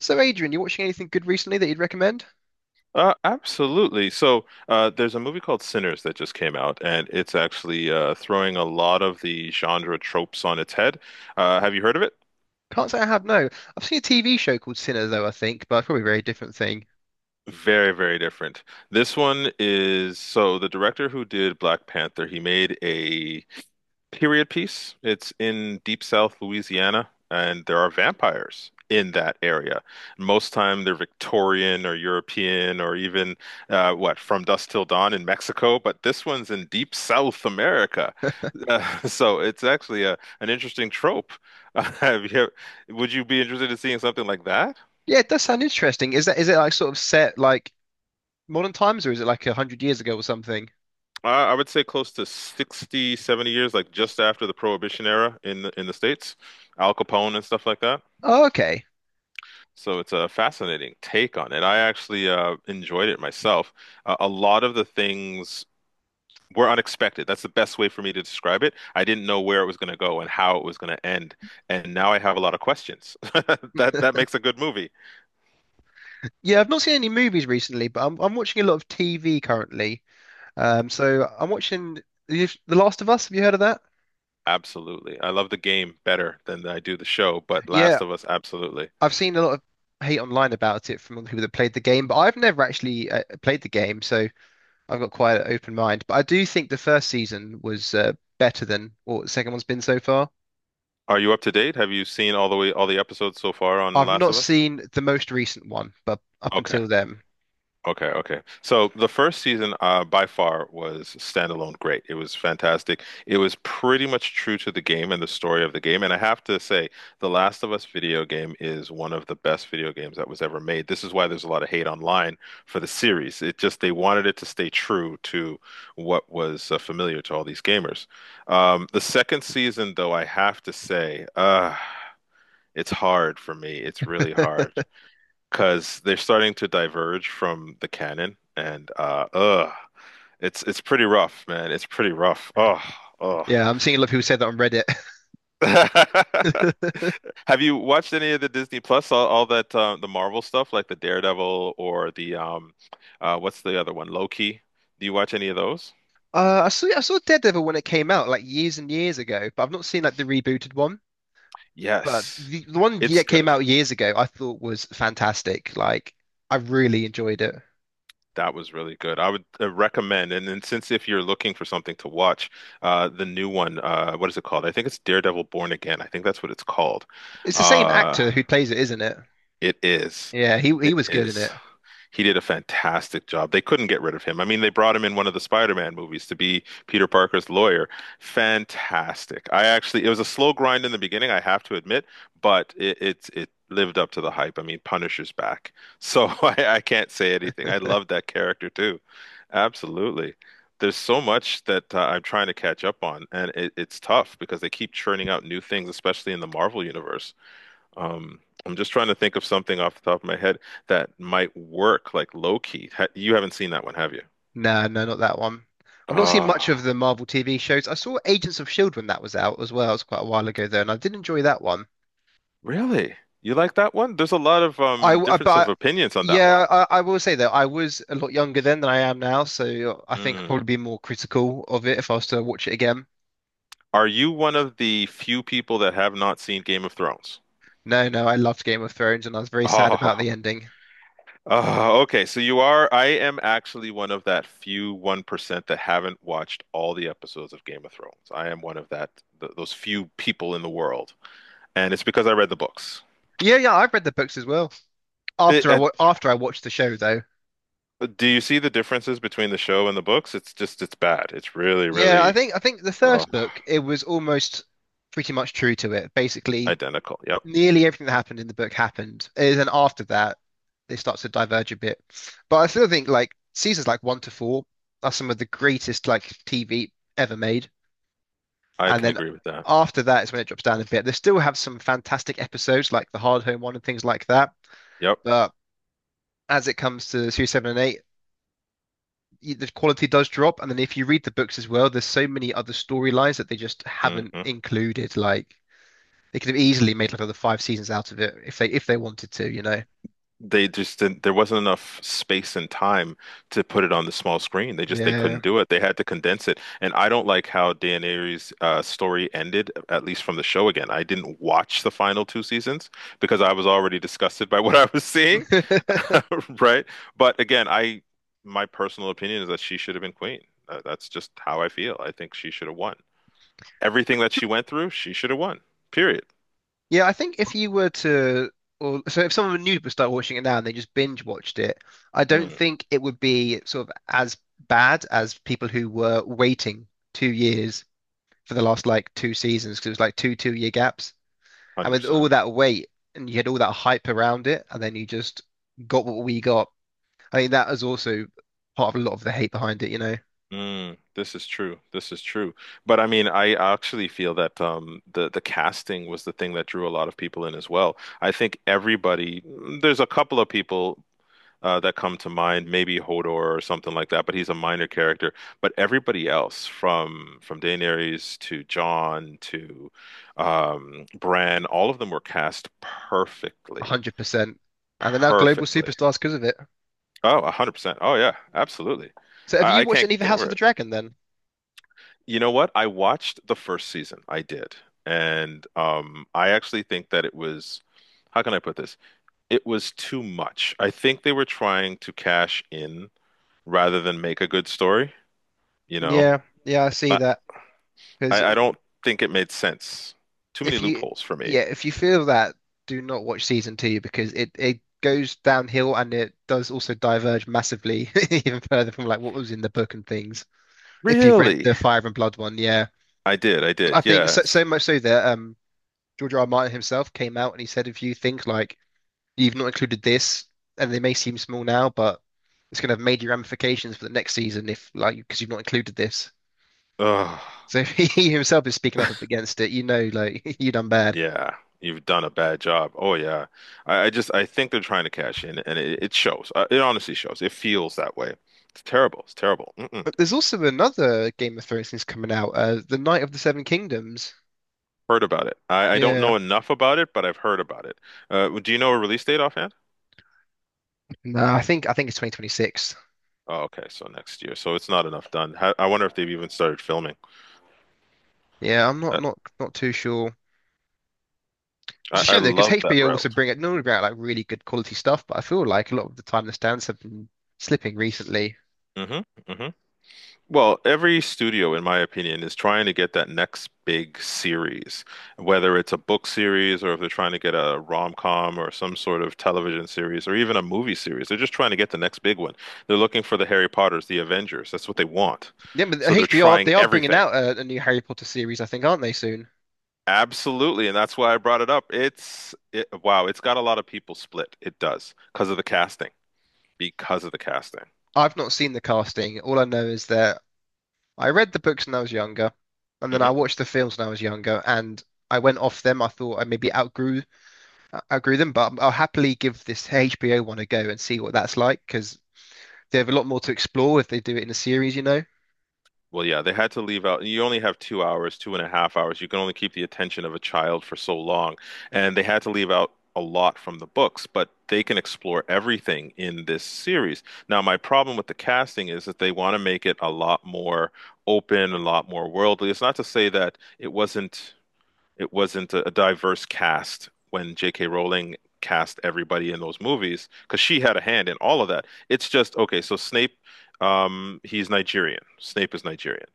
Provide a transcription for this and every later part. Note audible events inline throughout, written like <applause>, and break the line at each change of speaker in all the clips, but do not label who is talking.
So, Adrian, you watching anything good recently that you'd recommend?
Absolutely. So there's a movie called Sinners that just came out, and it's actually throwing a lot of the genre tropes on its head. Have you heard of it?
Can't say I have, no. I've seen a TV show called Sinner, though, I think, but probably a very different thing.
Very, very different. This one is so the director who did Black Panther, he made a period piece. It's in Deep South Louisiana, and there are vampires in that area. Most time they're Victorian or European or even what, From Dusk Till Dawn in Mexico, but this one's in Deep South America. <laughs> So it's actually a an interesting trope. <laughs> have you, would you be interested in seeing something like that?
Yeah, it does sound interesting. Is it like sort of set like modern times, or is it like a hundred years ago or something?
I would say close to 60, 70 years, like just after the Prohibition era in the States, Al Capone and stuff like that.
Oh, okay.
So it's a fascinating take on it. I actually enjoyed it myself. A lot of the things were unexpected. That's the best way for me to describe it. I didn't know where it was going to go and how it was going to end, and now I have a lot of questions. <laughs> That makes a good movie.
Yeah, I've not seen any movies recently, but I'm watching a lot of TV currently. So I'm watching The Last of Us. Have you heard of that?
Absolutely. I love the game better than I do the show, but
Yeah,
Last of Us, absolutely.
I've seen a lot of hate online about it from people that played the game, but I've never actually played the game, so I've got quite an open mind, but I do think the first season was better than what the second one's been so far.
Are you up to date? Have you seen all the episodes so far on
I've
Last
not
of Us?
seen the most recent one, but up
Okay.
until then,
Okay, okay. So the first season, by far, was standalone great. It was fantastic. It was pretty much true to the game and the story of the game. And I have to say, The Last of Us video game is one of the best video games that was ever made. This is why there's a lot of hate online for the series. It just they wanted it to stay true to what was familiar to all these gamers. The second season, though, I have to say, it's hard for me. It's really hard because they're starting to diverge from the canon, and it's pretty rough, man. It's pretty rough. Oh, oh.
yeah, I'm seeing a lot of people say that on Reddit. <laughs>
<laughs> Have you watched any of the Disney Plus, all that the Marvel stuff, like the Daredevil or the what's the other one, Loki? Do you watch any of those?
I saw Daredevil when it came out like years and years ago, but I've not seen like the rebooted one. But
Yes,
the one
it's
that came
good.
out years ago, I thought was fantastic. Like I really enjoyed it.
That was really good. I would recommend, and then since if you're looking for something to watch, the new one, what is it called? I think it's Daredevil Born Again. I think that's what it's called.
It's the same
Uh,
actor who plays it, isn't it?
it is.
Yeah, he
It
was good in
is.
it.
He did a fantastic job. They couldn't get rid of him. I mean, they brought him in one of the Spider-Man movies to be Peter Parker's lawyer. Fantastic. I actually, it was a slow grind in the beginning, I have to admit, but it lived up to the hype. I mean, Punisher's back. So <laughs> I can't say anything. I love that character too. Absolutely. There's so much that I'm trying to catch up on, and it's tough because they keep churning out new things, especially in the Marvel universe. I'm just trying to think of something off the top of my head that might work, like low key. Ha you haven't seen that one, have you?
No, no, not that one. I've not seen much of
Ah,
the Marvel TV shows. I saw Agents of Shield when that was out as well. It was quite a while ago though, and I did enjoy that one.
really? You like that one? There's a lot of
I, w- I-
difference of
but
opinions on that one.
yeah, I will say that I was a lot younger then than I am now, so I think I'd
Mm.
probably be more critical of it if I was to watch it again.
Are you one of the few people that have not seen Game of Thrones?
No, no, I loved Game of Thrones, and I was very sad about the
<laughs> Oh,
ending.
oh, okay. So you are. I am actually one of that few 1% that haven't watched all the episodes of Game of Thrones. I am one of that th those few people in the world. And it's because I read the books.
Yeah, yeah, I've read the books as well.
It, uh,
After I watched the show though,
Do you see the differences between the show and the books? It's just, it's bad. It's really,
yeah, I
really
think I think the
uh,
first book it was almost pretty much true to it. Basically,
identical. Yep.
nearly everything that happened in the book happened. And then after that, it starts to diverge a bit. But I still think like seasons like one to four are some of the greatest like TV ever made.
I
And
can
then
agree with that.
after that is when it drops down a bit. They still have some fantastic episodes like the Hard Home one and things like that.
Yep.
But as it comes to series seven and eight, the quality does drop. And then if you read the books as well, there's so many other storylines that they just haven't
hmm
included. Like they could have easily made like another five seasons out of it if they wanted to, you know.
they just didn't, there wasn't enough space and time to put it on the small screen. They just they
Yeah.
couldn't do it. They had to condense it, and I don't like how Dan Ariely's story ended, at least from the show. Again, I didn't watch the final two seasons because I was already disgusted by <laughs> what I was seeing.
<laughs>
<laughs> Right, but again, I my personal opinion is that she should have been queen. That's just how I feel. I think she should have won. Everything that she went through, she should have won. Period.
Yeah, I think if you were to, or so if someone new would start watching it now and they just binge watched it, I don't
Mm,
think it would be sort of as bad as people who were waiting 2 years for the last like two seasons because it was like two-year gaps. And with
100%.
all that wait and you had all that hype around it, and then you just got what we got. I think that is also part of a lot of the hate behind it, you know,
Mm, this is true. This is true. But I mean, I actually feel that the casting was the thing that drew a lot of people in as well. I think everybody, mm, there's a couple of people that come to mind, maybe Hodor or something like that, but he's a minor character. But everybody else, from Daenerys to Jon to Bran, all of them were cast perfectly,
100%. And they're now global
perfectly.
superstars because of it.
Oh, 100%. Oh yeah, absolutely.
So have
I,
you
I
watched
can't
any of the
get
House of
over
the
it.
Dragon then?
You know what? I watched the first season. I did. And I actually think that it was, how can I put this? It was too much. I think they were trying to cash in rather than make a good story, you know?
Yeah, yeah, I see
I,
that. Because
I don't think it made sense. Too many
if you,
loopholes for me.
yeah, if you feel that, do not watch season two because it goes downhill and it does also diverge massively <laughs> even further from like what was in the book and things. If you've read
Really?
the Fire and Blood one, yeah,
I did. I
I
did.
think so so
Yes.
much so that George R. R. Martin himself came out and he said if you think like you've not included this and they may seem small now, but it's going to have major ramifications for the next season if like because you've not included this.
Ugh.
So <laughs> he himself is speaking up against it, you know, like <laughs> you done bad.
Yeah. You've done a bad job. Oh, yeah. I just, I think they're trying to cash in and it shows. It honestly shows. It feels that way. It's terrible. It's terrible. Mm-mm.
But there's also another Game of Thrones thing's coming out, The Night of the Seven Kingdoms.
Heard about it. I don't
Yeah.
know enough about it, but I've heard about it. Do you know a release date offhand?
No, I think it's 2026.
Oh, okay, so next year. So it's not enough done. How, I wonder if they've even started filming.
Yeah, I'm
That,
not too sure. It's a
I
shame though, because
love that
HBO also
route.
bring it normally bring out like really good quality stuff, but I feel like a lot of the time the stands have been slipping recently.
hmm hmm Well, every studio, in my opinion, is trying to get that next big series, whether it's a book series or if they're trying to get a rom-com or some sort of television series or even a movie series. They're just trying to get the next big one. They're looking for the Harry Potters, the Avengers. That's what they want.
Yeah, but
So they're trying
they are bringing
everything.
out a new Harry Potter series, I think, aren't they soon?
Absolutely, and that's why I brought it up. Wow, it's got a lot of people split. It does because of the casting. Because of the casting.
I've not seen the casting. All I know is that I read the books when I was younger, and then I
hmm
watched the films when I was younger, and I went off them. I thought I maybe outgrew them, but I'll happily give this HBO one a go and see what that's like because they have a lot more to explore if they do it in a series, you know,
Well, yeah, they had to leave out. You only have 2 hours, two and a half hours. You can only keep the attention of a child for so long, and they had to leave out a lot from the books. But they can explore everything in this series. Now, my problem with the casting is that they want to make it a lot more open, a lot more worldly. It's not to say that it wasn't a diverse cast when J.K. Rowling cast everybody in those movies because she had a hand in all of that. It's just okay. So Snape, he's Nigerian. Snape is Nigerian.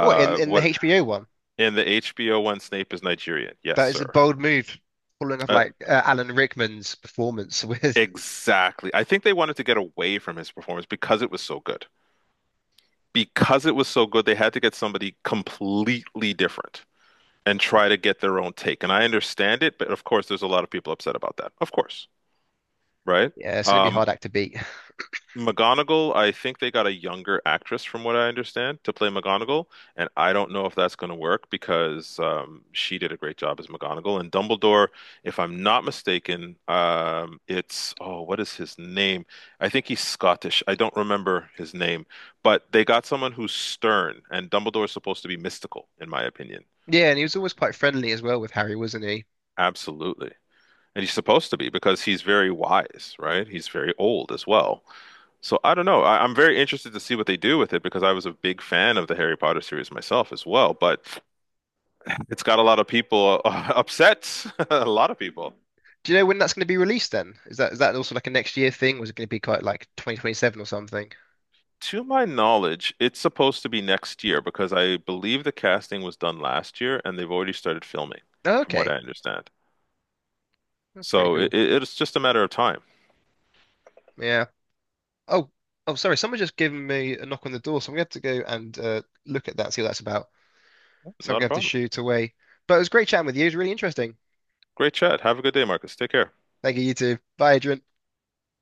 or in in the
What
HBO one.
in the HBO one? Snape is Nigerian. Yes,
That is a
sir.
bold move, following up
Uh,
like Alan Rickman's performance with. <laughs>
exactly. I think they wanted to get away from his performance because it was so good. Because it was so good, they had to get somebody completely different and try to get their own take. And I understand it, but of course, there's a lot of people upset about that. Of course. Right?
Yeah, it's gonna be a
Um,
hard act to beat.
McGonagall, I think they got a younger actress from what I understand to play McGonagall, and I don't know if that's going to work because she did a great job as McGonagall. And Dumbledore, if I'm not mistaken, it's oh, what is his name? I think he's Scottish. I don't remember his name, but they got someone who's stern, and Dumbledore is supposed to be mystical, in my opinion.
Yeah, and he was always quite friendly as well with Harry, wasn't he?
Absolutely. And he's supposed to be because he's very wise, right? He's very old as well. So I don't know. I'm very interested to see what they do with it because I was a big fan of the Harry Potter series myself as well. But it's got a lot of people <laughs> upset. <laughs> A lot of people.
Do you know when that's going to be released then? Is that also like a next year thing? Was it going to be quite like 2027 or something?
To my knowledge, it's supposed to be next year because I believe the casting was done last year and they've already started filming,
Oh,
from what
okay.
I understand.
Oh, pretty
So
cool.
it's just a matter of time.
Yeah. Oh, oh, sorry. Someone just given me a knock on the door, so I'm going to have to go and look at that, see what that's about. So I'm
Not
going
a
to have to
problem.
shoot away. But it was great chatting with you. It was really interesting.
Great chat. Have a good day, Marcus. Take care.
Thank you, you too. Bye, Adrian.